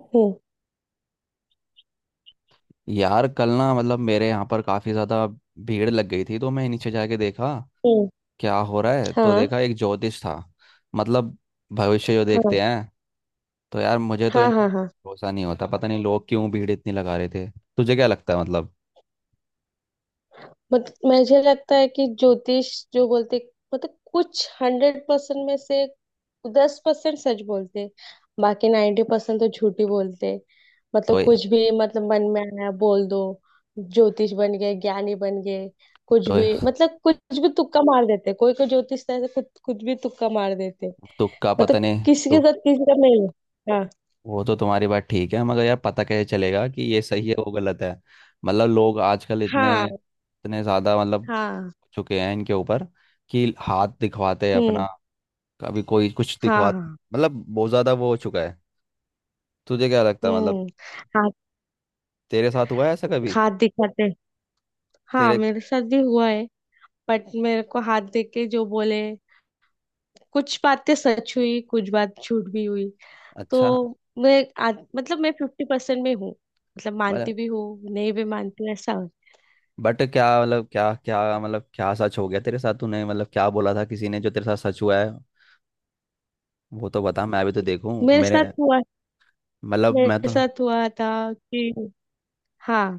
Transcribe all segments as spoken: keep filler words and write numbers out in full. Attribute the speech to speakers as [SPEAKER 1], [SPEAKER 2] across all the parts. [SPEAKER 1] हम्म,
[SPEAKER 2] यार कल ना मतलब मेरे यहाँ पर काफ़ी ज़्यादा भीड़ लग गई थी, तो मैं नीचे जाके देखा
[SPEAKER 1] हम्म।
[SPEAKER 2] क्या हो रहा है। तो
[SPEAKER 1] हाँ,
[SPEAKER 2] देखा एक ज्योतिष था, मतलब भविष्य जो
[SPEAKER 1] हाँ,
[SPEAKER 2] देखते हैं। तो यार मुझे तो इन
[SPEAKER 1] हाँ। हाँ। हाँ
[SPEAKER 2] भरोसा नहीं होता, पता नहीं लोग क्यों भीड़ इतनी लगा रहे थे। तुझे क्या लगता है मतलब?
[SPEAKER 1] मत, मुझे लगता है कि ज्योतिष जो बोलते, मतलब कुछ हंड्रेड परसेंट में से दस परसेंट सच बोलते, बाकी नाइन्टी परसेंट तो झूठी बोलते।
[SPEAKER 2] तो
[SPEAKER 1] मतलब कुछ भी, मतलब मन में आया बोल दो। ज्योतिष बन गए, ज्ञानी बन गए। कुछ
[SPEAKER 2] तो
[SPEAKER 1] भी मतलब कुछ भी तुक्का मार देते। कोई कोई ज्योतिष तो ऐसे कुछ कुछ भी तुक्का मार देते।
[SPEAKER 2] तुक्का पता
[SPEAKER 1] मतलब
[SPEAKER 2] नहीं।
[SPEAKER 1] किसी के
[SPEAKER 2] तो
[SPEAKER 1] साथ किसी का नहीं। हाँ,
[SPEAKER 2] वो तो तुम्हारी बात ठीक है, मगर यार पता कैसे चलेगा कि ये सही है वो गलत है? मतलब लोग आजकल इतने
[SPEAKER 1] हाँ,
[SPEAKER 2] इतने ज़्यादा मतलब
[SPEAKER 1] हाँ।
[SPEAKER 2] हो चुके हैं इनके ऊपर कि हाथ दिखवाते हैं
[SPEAKER 1] हम्म।
[SPEAKER 2] अपना, कभी कोई कुछ दिखवा,
[SPEAKER 1] हाँ, हाँ।
[SPEAKER 2] मतलब बहुत ज्यादा वो हो चुका है। तुझे क्या लगता है मतलब?
[SPEAKER 1] हम्म। हाथ।
[SPEAKER 2] तेरे साथ हुआ है ऐसा कभी?
[SPEAKER 1] हाथ दिखाते। हाँ,
[SPEAKER 2] तेरे
[SPEAKER 1] मेरे साथ भी हुआ है। बट मेरे को हाथ देख के जो बोले, कुछ बातें सच हुई, कुछ बात झूठ भी हुई। तो
[SPEAKER 2] अच्छा,
[SPEAKER 1] मैं आज- मतलब मैं फिफ्टी परसेंट में हूँ। मतलब मानती
[SPEAKER 2] मतलब
[SPEAKER 1] भी हूँ, नहीं भी मानती हूँ, ऐसा हो।
[SPEAKER 2] बट क्या मतलब, क्या क्या मतलब, क्या सच हो गया तेरे साथ? तूने मतलब क्या बोला था किसी ने जो तेरे साथ सच हुआ है? वो तो बता, मैं भी तो देखूं
[SPEAKER 1] मेरे
[SPEAKER 2] मेरे,
[SPEAKER 1] साथ हुआ।
[SPEAKER 2] मतलब मैं
[SPEAKER 1] मेरे
[SPEAKER 2] तो।
[SPEAKER 1] साथ हुआ था कि, हाँ,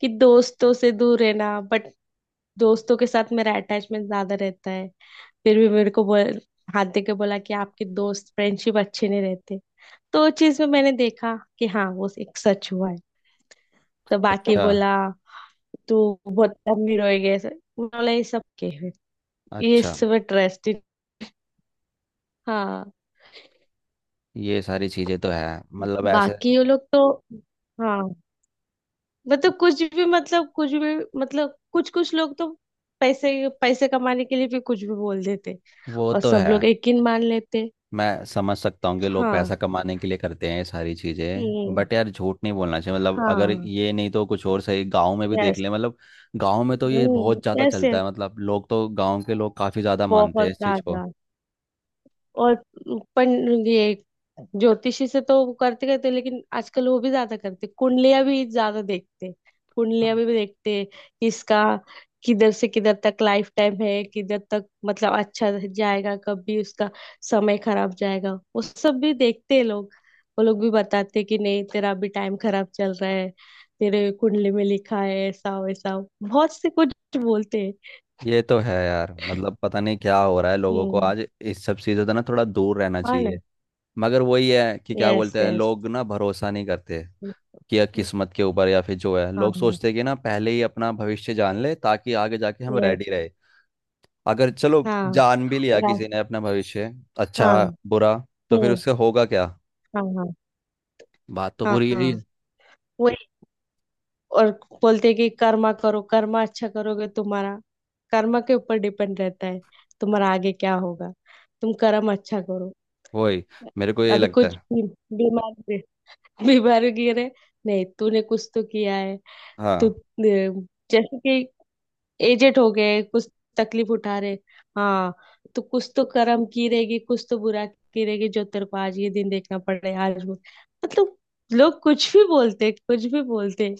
[SPEAKER 1] कि दोस्तों से दूर रहना। बट दोस्तों के साथ मेरा अटैचमेंट ज्यादा रहता है। फिर भी मेरे को बोल, हाथ दे के बोला कि आपके दोस्त फ्रेंडशिप अच्छे नहीं रहते। तो उस चीज में मैंने देखा कि हाँ, वो एक सच हुआ है। तो बाकी
[SPEAKER 2] अच्छा,
[SPEAKER 1] बोला, तू बहुत अमीर हो गया, ऐसे उन्होंने बोला। ये सब के है। ये
[SPEAKER 2] अच्छा,
[SPEAKER 1] सब इंटरेस्टिंग। हाँ।
[SPEAKER 2] ये सारी चीजें तो है मतलब ऐसे।
[SPEAKER 1] बाकी वो लोग तो। हाँ, मतलब कुछ भी मतलब कुछ भी मतलब कुछ कुछ लोग तो पैसे, पैसे कमाने के लिए भी कुछ भी बोल देते,
[SPEAKER 2] वो
[SPEAKER 1] और
[SPEAKER 2] तो
[SPEAKER 1] सब
[SPEAKER 2] है।
[SPEAKER 1] लोग यकीन मान लेते।
[SPEAKER 2] मैं समझ सकता हूँ कि लोग पैसा
[SPEAKER 1] हाँ।
[SPEAKER 2] कमाने के लिए करते हैं ये सारी चीज़ें,
[SPEAKER 1] हम्म।
[SPEAKER 2] बट यार झूठ नहीं बोलना चाहिए, मतलब अगर
[SPEAKER 1] हाँ।
[SPEAKER 2] ये नहीं तो कुछ और सही, गांव में भी देख
[SPEAKER 1] यस।
[SPEAKER 2] ले मतलब। गांव में तो ये
[SPEAKER 1] हम्म,
[SPEAKER 2] बहुत ज़्यादा चलता
[SPEAKER 1] ऐसे
[SPEAKER 2] है, मतलब लोग तो, गांव के लोग काफ़ी ज़्यादा मानते
[SPEAKER 1] बहुत
[SPEAKER 2] हैं इस चीज़ को।
[SPEAKER 1] ज्यादा। और पन ये ज्योतिषी से तो वो करते करते, लेकिन आजकल वो भी ज्यादा करते, कुंडलियां भी ज्यादा देखते। कुंडलियां
[SPEAKER 2] हाँ।
[SPEAKER 1] भी देखते कि इसका किधर से किधर तक लाइफ टाइम है, किधर तक मतलब अच्छा जाएगा, कब भी उसका समय खराब जाएगा, वो सब भी देखते हैं लोग। वो लोग भी बताते हैं कि नहीं, तेरा अभी टाइम खराब चल रहा है, तेरे कुंडली में लिखा है ऐसा वैसा। बहुत से कुछ बोलते हैं।
[SPEAKER 2] ये तो है यार, मतलब पता नहीं क्या हो रहा है लोगों को,
[SPEAKER 1] हम्म।
[SPEAKER 2] आज इस सब चीज़ों से ना थोड़ा दूर रहना
[SPEAKER 1] हाँ
[SPEAKER 2] चाहिए।
[SPEAKER 1] ना।
[SPEAKER 2] मगर वही है कि क्या
[SPEAKER 1] यस,
[SPEAKER 2] बोलते हैं
[SPEAKER 1] यस।
[SPEAKER 2] लोग, ना भरोसा नहीं करते कि या किस्मत के ऊपर, या फिर जो है लोग
[SPEAKER 1] हाँ।
[SPEAKER 2] सोचते हैं कि ना पहले ही अपना भविष्य जान ले ताकि आगे जाके हम
[SPEAKER 1] yes।
[SPEAKER 2] रेडी रहे। अगर चलो
[SPEAKER 1] हाँ।
[SPEAKER 2] जान भी लिया
[SPEAKER 1] और आ-
[SPEAKER 2] किसी ने अपना भविष्य, अच्छा
[SPEAKER 1] हाँ।
[SPEAKER 2] बुरा, तो फिर
[SPEAKER 1] हम्म।
[SPEAKER 2] उससे होगा क्या?
[SPEAKER 1] हाँ, हाँ।
[SPEAKER 2] बात तो
[SPEAKER 1] हाँ।
[SPEAKER 2] पूरी यही
[SPEAKER 1] हाँ।
[SPEAKER 2] है।
[SPEAKER 1] वही। और बोलते हैं कि कर्मा करो, कर्मा अच्छा करोगे, तुम्हारा कर्मा के ऊपर डिपेंड रहता है, तुम्हारा आगे क्या होगा। तुम कर्म अच्छा करो।
[SPEAKER 2] वही, मेरे को ये
[SPEAKER 1] अभी
[SPEAKER 2] लगता
[SPEAKER 1] कुछ
[SPEAKER 2] है।
[SPEAKER 1] भी- बीमार गिरे- बीमार गिरे, नहीं तूने कुछ तो किया है। तू अ,
[SPEAKER 2] हाँ,
[SPEAKER 1] जैसे कि एजेड हो गए कुछ, तकलीफ उठा रहे। हाँ। तो कुछ तो करम की रहेगी, कुछ तो बुरा की रहेगी, जो तेरे को आज ये दिन देखना पड़ रहा है आज, वो मतलब। लोग कुछ भी बोलते, कुछ भी बोलते।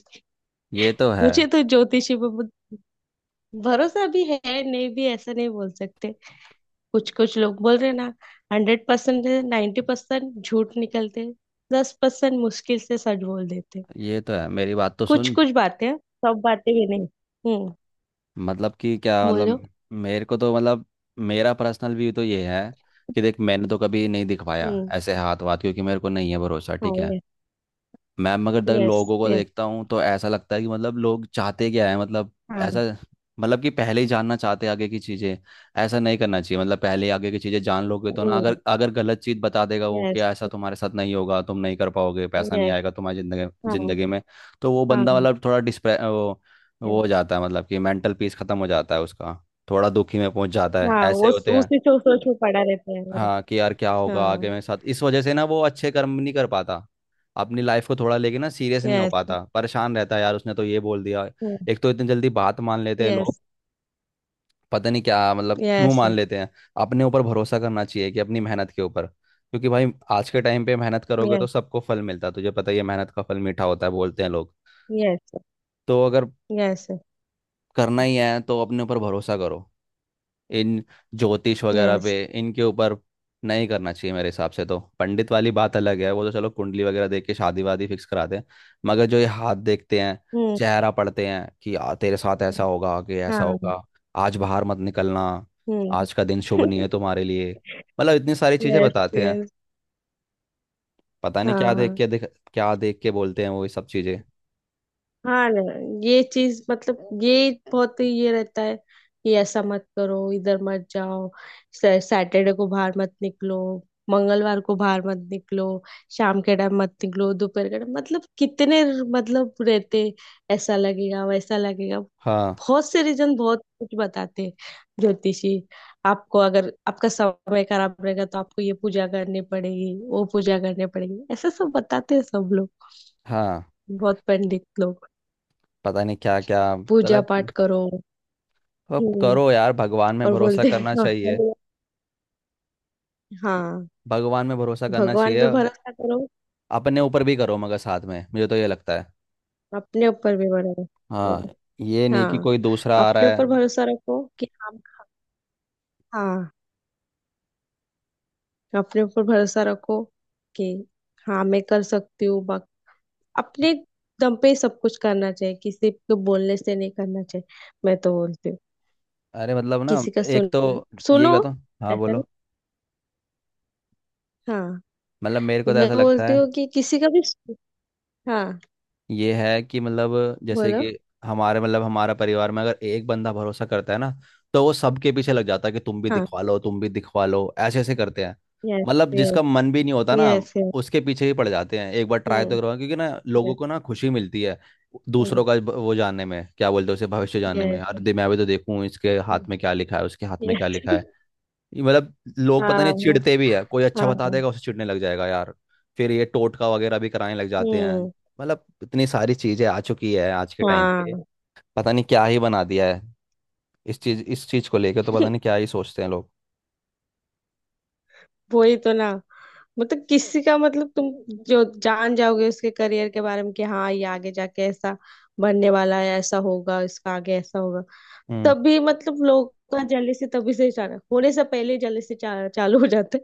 [SPEAKER 2] ये तो है।
[SPEAKER 1] मुझे तो ज्योतिषी पे बहुत भरोसा भी है, नहीं भी, ऐसा नहीं बोल सकते। कुछ कुछ लोग बोल रहे ना, हंड्रेड परसेंट, नाइन्टी परसेंट झूठ निकलते, दस परसेंट मुश्किल से सच बोल देते।
[SPEAKER 2] ये तो है, मेरी बात तो
[SPEAKER 1] कुछ
[SPEAKER 2] सुन।
[SPEAKER 1] कुछ बातें, सब बातें भी नहीं। हम्म।
[SPEAKER 2] मतलब कि क्या
[SPEAKER 1] बोलो।
[SPEAKER 2] मतलब, मेरे को तो मतलब, मेरा पर्सनल व्यू तो ये है कि देख, मैंने तो कभी नहीं दिखवाया
[SPEAKER 1] हम्म।
[SPEAKER 2] ऐसे हाथ वाथ, क्योंकि मेरे को नहीं है भरोसा,
[SPEAKER 1] हाँ।
[SPEAKER 2] ठीक है।
[SPEAKER 1] यस,
[SPEAKER 2] मैं मगर तक
[SPEAKER 1] यस।
[SPEAKER 2] लोगों को
[SPEAKER 1] यस।
[SPEAKER 2] देखता हूँ तो ऐसा लगता है कि मतलब लोग चाहते क्या है मतलब? ऐसा,
[SPEAKER 1] हाँ।
[SPEAKER 2] मतलब कि पहले ही जानना चाहते हैं आगे की चीज़ें। ऐसा नहीं करना चाहिए, मतलब पहले ही आगे की चीज़ें जान लोगे तो ना,
[SPEAKER 1] हम्म।
[SPEAKER 2] अगर अगर गलत चीज़ बता देगा वो, कि
[SPEAKER 1] यस,
[SPEAKER 2] ऐसा तुम्हारे साथ नहीं होगा, तुम नहीं कर पाओगे, पैसा नहीं
[SPEAKER 1] यस।
[SPEAKER 2] आएगा तुम्हारी जिंदगी
[SPEAKER 1] हाँ,
[SPEAKER 2] जिंदगी में, तो वो बंदा
[SPEAKER 1] हाँ।
[SPEAKER 2] मतलब थोड़ा डिस्प्रे वो वो
[SPEAKER 1] yes,
[SPEAKER 2] हो जाता है, मतलब कि मेंटल पीस खत्म हो जाता है उसका, थोड़ा दुखी में पहुंच जाता है,
[SPEAKER 1] हाँ।
[SPEAKER 2] ऐसे
[SPEAKER 1] वो
[SPEAKER 2] होते हैं।
[SPEAKER 1] उसी सोच सोच में पड़ा रहता है मेरा।
[SPEAKER 2] हाँ, कि यार क्या होगा आगे
[SPEAKER 1] हाँ।
[SPEAKER 2] मेरे साथ, इस वजह से ना वो अच्छे कर्म नहीं कर पाता, अपनी लाइफ को थोड़ा लेके ना सीरियस नहीं हो
[SPEAKER 1] यस,
[SPEAKER 2] पाता, परेशान रहता है यार, उसने तो ये बोल दिया।
[SPEAKER 1] यस।
[SPEAKER 2] एक तो इतनी जल्दी बात मान लेते हैं लोग, पता नहीं क्या मतलब क्यों
[SPEAKER 1] यस,
[SPEAKER 2] मान लेते हैं। अपने ऊपर भरोसा करना चाहिए कि अपनी मेहनत के ऊपर, क्योंकि भाई आज के टाइम पे मेहनत करोगे
[SPEAKER 1] यस।
[SPEAKER 2] तो सबको फल मिलता है। तुझे पता ही है, मेहनत का फल मीठा होता है, बोलते हैं लोग।
[SPEAKER 1] यस,
[SPEAKER 2] तो अगर
[SPEAKER 1] यस।
[SPEAKER 2] करना ही है तो अपने ऊपर भरोसा करो, इन ज्योतिष वगैरह
[SPEAKER 1] यस।
[SPEAKER 2] पे, इनके ऊपर नहीं करना चाहिए मेरे हिसाब से। तो पंडित वाली बात अलग है, वो तो चलो कुंडली वगैरह देख के शादी वादी फिक्स कराते हैं। मगर जो ये हाथ देखते हैं,
[SPEAKER 1] हम्म।
[SPEAKER 2] चेहरा पढ़ते हैं कि आ, तेरे साथ ऐसा होगा, आगे ऐसा
[SPEAKER 1] हाँ।
[SPEAKER 2] होगा, आज बाहर मत निकलना,
[SPEAKER 1] हम्म।
[SPEAKER 2] आज का दिन शुभ नहीं है तुम्हारे लिए, मतलब इतनी सारी चीजें
[SPEAKER 1] यस,
[SPEAKER 2] बताते हैं।
[SPEAKER 1] यस।
[SPEAKER 2] पता नहीं क्या देख
[SPEAKER 1] हाँ।
[SPEAKER 2] के देख, क्या देख के बोलते हैं वो ये सब चीजें।
[SPEAKER 1] हाँ ना। ये चीज मतलब ये बहुत ही ये रहता है कि ऐसा मत करो, इधर मत जाओ, सैटरडे को बाहर मत निकलो, मंगलवार को बाहर मत निकलो, शाम के टाइम मत निकलो, दोपहर के टाइम। मतलब कितने मतलब रहते, ऐसा लगेगा वैसा लगेगा।
[SPEAKER 2] हाँ
[SPEAKER 1] बहुत से रीजन, बहुत कुछ बताते हैं ज्योतिषी। आपको, अगर आपका समय खराब रहेगा तो आपको ये पूजा करनी पड़ेगी, वो पूजा करनी पड़ेगी, ऐसा सब बताते हैं सब लोग,
[SPEAKER 2] हाँ,
[SPEAKER 1] बहुत पंडित लोग।
[SPEAKER 2] पता नहीं क्या क्या
[SPEAKER 1] पूजा
[SPEAKER 2] मतलब।
[SPEAKER 1] पाठ करो।
[SPEAKER 2] अब
[SPEAKER 1] हम्म।
[SPEAKER 2] करो यार, भगवान में
[SPEAKER 1] और
[SPEAKER 2] भरोसा
[SPEAKER 1] बोलते हैं
[SPEAKER 2] करना
[SPEAKER 1] हाँ
[SPEAKER 2] चाहिए,
[SPEAKER 1] हलवा। हाँ,
[SPEAKER 2] भगवान में भरोसा करना
[SPEAKER 1] भगवान
[SPEAKER 2] चाहिए,
[SPEAKER 1] पे भरोसा करो।
[SPEAKER 2] अपने ऊपर भी करो, मगर साथ में मुझे तो ये लगता है।
[SPEAKER 1] अपने ऊपर भी
[SPEAKER 2] हाँ,
[SPEAKER 1] भरोसा।
[SPEAKER 2] ये नहीं कि
[SPEAKER 1] हाँ,
[SPEAKER 2] कोई दूसरा आ रहा
[SPEAKER 1] अपने
[SPEAKER 2] है।
[SPEAKER 1] ऊपर भरोसा रखो कि हम, हाँ, अपने ऊपर भरोसा रखो कि हाँ, मैं कर सकती हूँ। बाक- अपने दम पे ही सब कुछ करना चाहिए, किसी के बोलने से नहीं करना चाहिए। मैं तो बोलती हूँ,
[SPEAKER 2] अरे मतलब ना,
[SPEAKER 1] किसी का
[SPEAKER 2] एक
[SPEAKER 1] सुन,
[SPEAKER 2] तो ये
[SPEAKER 1] सुनो,
[SPEAKER 2] बताओ, हाँ
[SPEAKER 1] ऐसा नहीं।
[SPEAKER 2] बोलो,
[SPEAKER 1] हाँ।
[SPEAKER 2] मतलब मेरे को तो
[SPEAKER 1] मैं
[SPEAKER 2] ऐसा लगता
[SPEAKER 1] बोलती
[SPEAKER 2] है,
[SPEAKER 1] हूँ कि किसी का भी, हाँ
[SPEAKER 2] ये है कि मतलब जैसे
[SPEAKER 1] बोलो।
[SPEAKER 2] कि हमारे मतलब हमारा परिवार में अगर एक बंदा भरोसा करता है ना, तो वो सबके पीछे लग जाता है कि तुम भी
[SPEAKER 1] हाँ।
[SPEAKER 2] दिखवा लो, तुम भी दिखवा लो, ऐसे ऐसे करते हैं।
[SPEAKER 1] यस,
[SPEAKER 2] मतलब जिसका मन भी नहीं होता ना,
[SPEAKER 1] यस।
[SPEAKER 2] उसके पीछे ही पड़ जाते हैं, एक बार ट्राई तो
[SPEAKER 1] हम्म।
[SPEAKER 2] करवा, क्योंकि ना लोगों
[SPEAKER 1] यस,
[SPEAKER 2] को ना खुशी मिलती है दूसरों का ब- वो जानने में, क्या बोलते हैं, उसे भविष्य जानने में। अरे
[SPEAKER 1] यस,
[SPEAKER 2] दे- मैं भी तो देखूं इसके हाथ में क्या लिखा है, उसके हाथ में क्या
[SPEAKER 1] यस।
[SPEAKER 2] लिखा है। ये मतलब लोग पता
[SPEAKER 1] हाँ,
[SPEAKER 2] नहीं
[SPEAKER 1] हाँ,
[SPEAKER 2] चिढ़ते भी है, कोई अच्छा बता
[SPEAKER 1] हाँ,
[SPEAKER 2] देगा उसे चिढ़ने लग जाएगा यार। फिर ये टोटका वगैरह भी कराने लग जाते हैं,
[SPEAKER 1] हम्म।
[SPEAKER 2] मतलब इतनी सारी चीजें आ चुकी है आज के टाइम पे।
[SPEAKER 1] हाँ।
[SPEAKER 2] पता नहीं क्या ही बना दिया है इस चीज इस चीज को लेके, तो पता नहीं क्या ही सोचते हैं लोग।
[SPEAKER 1] वही तो ना। मतलब किसी का मतलब तुम जो जान जाओगे उसके करियर के बारे में कि हाँ, ये आगे जाके ऐसा बनने वाला है, ऐसा होगा इसका, आगे ऐसा होगा।
[SPEAKER 2] हम्म,
[SPEAKER 1] तभी मतलब लोग का से, तभी से चालू होने से पहले जल्दी से चा, चालू हो जाता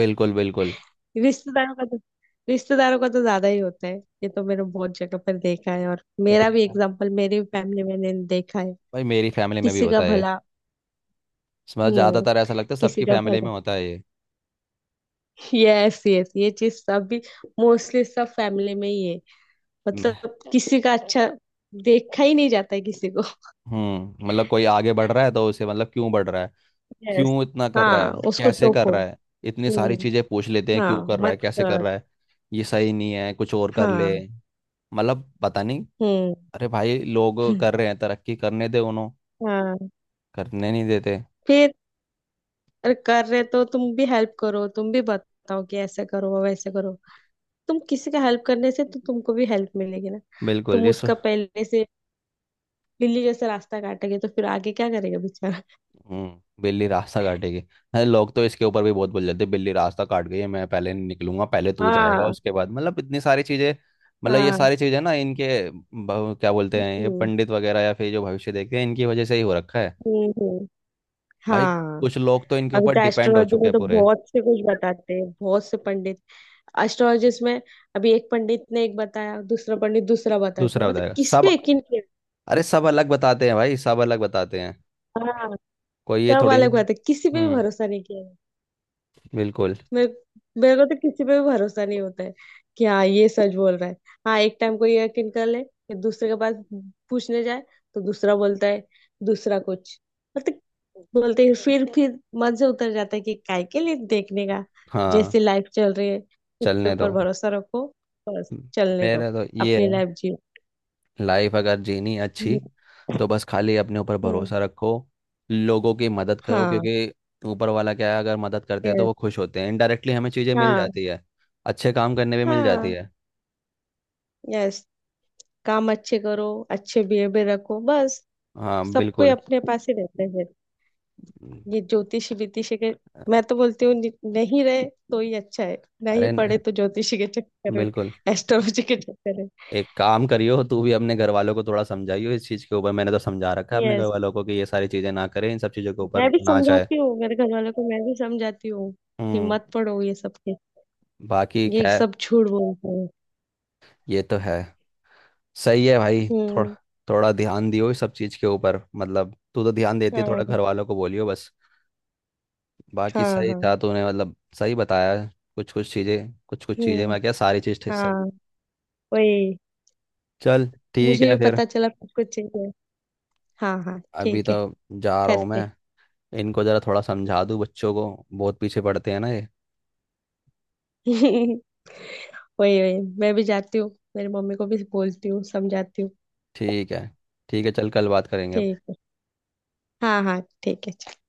[SPEAKER 2] बिल्कुल बिल्कुल।
[SPEAKER 1] है। रिश्तेदारों का तो, रिश्तेदारों का तो ज्यादा ही होता है। ये तो मैंने बहुत जगह पर देखा है। और मेरा भी
[SPEAKER 2] देख
[SPEAKER 1] एग्जाम्पल, मेरी फैमिली में मैंने देखा है।
[SPEAKER 2] भाई, मेरी फैमिली में भी
[SPEAKER 1] किसी का
[SPEAKER 2] होता है ये।
[SPEAKER 1] भला।
[SPEAKER 2] मतलब
[SPEAKER 1] हम्म।
[SPEAKER 2] ज्यादातर ऐसा लगता है
[SPEAKER 1] किसी
[SPEAKER 2] सबकी
[SPEAKER 1] का
[SPEAKER 2] फैमिली
[SPEAKER 1] भला।
[SPEAKER 2] में होता है ये।
[SPEAKER 1] Yes, yes. ये चीज सब भी मोस्टली सब फैमिली में ही है। मतलब किसी का अच्छा देखा ही नहीं जाता है किसी को।
[SPEAKER 2] हम्म, मतलब कोई आगे बढ़ रहा है तो उसे मतलब क्यों बढ़ रहा है,
[SPEAKER 1] यस।
[SPEAKER 2] क्यों इतना कर रहा है,
[SPEAKER 1] हाँ, उसको
[SPEAKER 2] कैसे कर
[SPEAKER 1] टोको।
[SPEAKER 2] रहा है, इतनी सारी
[SPEAKER 1] हम्म।
[SPEAKER 2] चीजें पूछ लेते हैं,
[SPEAKER 1] हाँ,
[SPEAKER 2] क्यों कर रहा है,
[SPEAKER 1] मत
[SPEAKER 2] कैसे कर
[SPEAKER 1] कर।
[SPEAKER 2] रहा है, ये सही नहीं है, कुछ और कर ले।
[SPEAKER 1] हाँ।
[SPEAKER 2] मतलब पता नहीं,
[SPEAKER 1] हम्म।
[SPEAKER 2] अरे भाई लोग कर रहे हैं, तरक्की करने दे उन्हों,
[SPEAKER 1] हाँ।
[SPEAKER 2] करने नहीं देते।
[SPEAKER 1] फिर अरे, कर रहे तो तुम भी हेल्प करो, तुम भी बताओ कि ऐसे करो वैसे करो। तुम किसी का हेल्प करने से तो तुमको भी हेल्प मिलेगी ना।
[SPEAKER 2] बिल्कुल,
[SPEAKER 1] तुम
[SPEAKER 2] ये सो
[SPEAKER 1] उसका पहले से लिली जैसे रास्ता काटेंगे तो फिर आगे क्या करेगा बेचारा।
[SPEAKER 2] हम्म। बिल्ली रास्ता काटेगी, अरे लोग तो इसके ऊपर भी बहुत बोल जाते हैं, बिल्ली रास्ता काट गई है, मैं पहले नहीं निकलूंगा, पहले तू जाएगा
[SPEAKER 1] हाँ,
[SPEAKER 2] उसके बाद, मतलब इतनी सारी चीजें। मतलब ये
[SPEAKER 1] हाँ।
[SPEAKER 2] सारी चीजें ना इनके ब- क्या बोलते हैं, ये
[SPEAKER 1] हम्म,
[SPEAKER 2] पंडित वगैरह या फिर जो भविष्य देखते हैं, इनकी वजह से ही हो रखा है।
[SPEAKER 1] हम्म, हम्म,
[SPEAKER 2] भाई
[SPEAKER 1] हाँ।
[SPEAKER 2] कुछ लोग तो इनके
[SPEAKER 1] अभी
[SPEAKER 2] ऊपर
[SPEAKER 1] तो
[SPEAKER 2] डिपेंड हो
[SPEAKER 1] एस्ट्रोलॉजी
[SPEAKER 2] चुके
[SPEAKER 1] में
[SPEAKER 2] हैं
[SPEAKER 1] तो
[SPEAKER 2] पूरे।
[SPEAKER 1] बहुत से कुछ बताते हैं, बहुत से पंडित, एस्ट्रोलॉजिस्ट में। अभी एक पंडित ने एक बताया, दूसरा पंडित दूसरा बताता है,
[SPEAKER 2] दूसरा
[SPEAKER 1] मतलब
[SPEAKER 2] बताएगा
[SPEAKER 1] किस पे
[SPEAKER 2] सब,
[SPEAKER 1] यकीन किया।
[SPEAKER 2] अरे सब अलग बताते हैं भाई, सब अलग बताते हैं,
[SPEAKER 1] हाँ।
[SPEAKER 2] कोई ये
[SPEAKER 1] सब
[SPEAKER 2] थोड़ी
[SPEAKER 1] वाले
[SPEAKER 2] ना।
[SPEAKER 1] को बताते, किसी पे भी
[SPEAKER 2] हम्म,
[SPEAKER 1] भरोसा नहीं किया।
[SPEAKER 2] बिल्कुल।
[SPEAKER 1] मेरे, मेरे को तो किसी पे भी भरोसा नहीं होता है कि हाँ, ये सच बोल रहा है। हाँ, एक टाइम को ये यकीन कर ले, फिर दूसरे के पास पूछने जाए तो दूसरा बोलता है, दूसरा कुछ मतलब बोलते हैं। फिर फिर मन से उतर जाता है कि काय के लिए देखने का।
[SPEAKER 2] हाँ,
[SPEAKER 1] जैसे लाइफ चल रही है, उसके
[SPEAKER 2] चलने दो,
[SPEAKER 1] ऊपर भरोसा रखो। बस चलने दो,
[SPEAKER 2] मेरा तो ये
[SPEAKER 1] अपनी
[SPEAKER 2] है,
[SPEAKER 1] लाइफ जियो।
[SPEAKER 2] लाइफ अगर जीनी अच्छी तो बस खाली अपने ऊपर
[SPEAKER 1] हम्म,
[SPEAKER 2] भरोसा रखो, लोगों की मदद करो,
[SPEAKER 1] हाँ।
[SPEAKER 2] क्योंकि ऊपर वाला क्या है, अगर मदद करते हैं तो
[SPEAKER 1] यस।
[SPEAKER 2] वो खुश होते हैं, इनडायरेक्टली हमें चीज़ें मिल
[SPEAKER 1] हाँ,
[SPEAKER 2] जाती है, अच्छे काम करने पे मिल जाती
[SPEAKER 1] हाँ।
[SPEAKER 2] है।
[SPEAKER 1] यस। काम अच्छे करो, अच्छे बिहेवियर रखो बस।
[SPEAKER 2] हाँ
[SPEAKER 1] सब कोई
[SPEAKER 2] बिल्कुल।
[SPEAKER 1] अपने पास ही रहते हैं। ये ज्योतिषी वितिषी के, मैं तो बोलती हूँ नि- नहीं रहे तो ही अच्छा है। नहीं
[SPEAKER 2] अरे न-
[SPEAKER 1] पढ़े तो ज्योतिषी के चक्कर में,
[SPEAKER 2] बिल्कुल,
[SPEAKER 1] एस्ट्रोलॉजी के चक्कर में।
[SPEAKER 2] एक काम करियो, तू भी अपने घर वालों को थोड़ा समझाइयो इस चीज के ऊपर। मैंने तो समझा रखा है अपने घर
[SPEAKER 1] यस।
[SPEAKER 2] वालों को कि ये सारी चीजें ना करें, इन सब चीजों के
[SPEAKER 1] मैं
[SPEAKER 2] ऊपर
[SPEAKER 1] भी
[SPEAKER 2] ना जाए।
[SPEAKER 1] समझाती हूँ मेरे घर वालों को, मैं भी समझाती हूँ कि
[SPEAKER 2] हम्म,
[SPEAKER 1] मत पढ़ो ये सब के,
[SPEAKER 2] बाकी
[SPEAKER 1] ये
[SPEAKER 2] खैर,
[SPEAKER 1] सब झूठ बोलते हैं।
[SPEAKER 2] ये तो है। सही है भाई, थोड़ा
[SPEAKER 1] हम्म।
[SPEAKER 2] थोड़ा ध्यान दियो इस सब चीज के ऊपर, मतलब तू तो ध्यान देती है, थोड़ा घर
[SPEAKER 1] हाँ,
[SPEAKER 2] वालों को बोलियो बस। बाकी
[SPEAKER 1] हाँ,
[SPEAKER 2] सही
[SPEAKER 1] हाँ।
[SPEAKER 2] था तूने, मतलब सही बताया, कुछ कुछ चीजें कुछ कुछ चीजें
[SPEAKER 1] हम्म।
[SPEAKER 2] मैं क्या, सारी चीज ठीक सही।
[SPEAKER 1] हाँ। वही।
[SPEAKER 2] चल, ठीक
[SPEAKER 1] मुझे
[SPEAKER 2] है
[SPEAKER 1] भी
[SPEAKER 2] फिर,
[SPEAKER 1] पता चला कुछ कुछ चीजें। हाँ, हाँ,
[SPEAKER 2] अभी
[SPEAKER 1] ठीक
[SPEAKER 2] तो
[SPEAKER 1] है।
[SPEAKER 2] जा रहा हूँ
[SPEAKER 1] करते।
[SPEAKER 2] मैं, इनको जरा थोड़ा समझा दूँ बच्चों को, बहुत पीछे पड़ते हैं ना ये।
[SPEAKER 1] वही, वही। मैं भी जाती हूँ, मेरी मम्मी को भी बोलती हूँ, समझाती हूँ।
[SPEAKER 2] ठीक है, ठीक है चल, कल बात करेंगे अब।
[SPEAKER 1] ठीक है, हाँ, हाँ, ठीक है।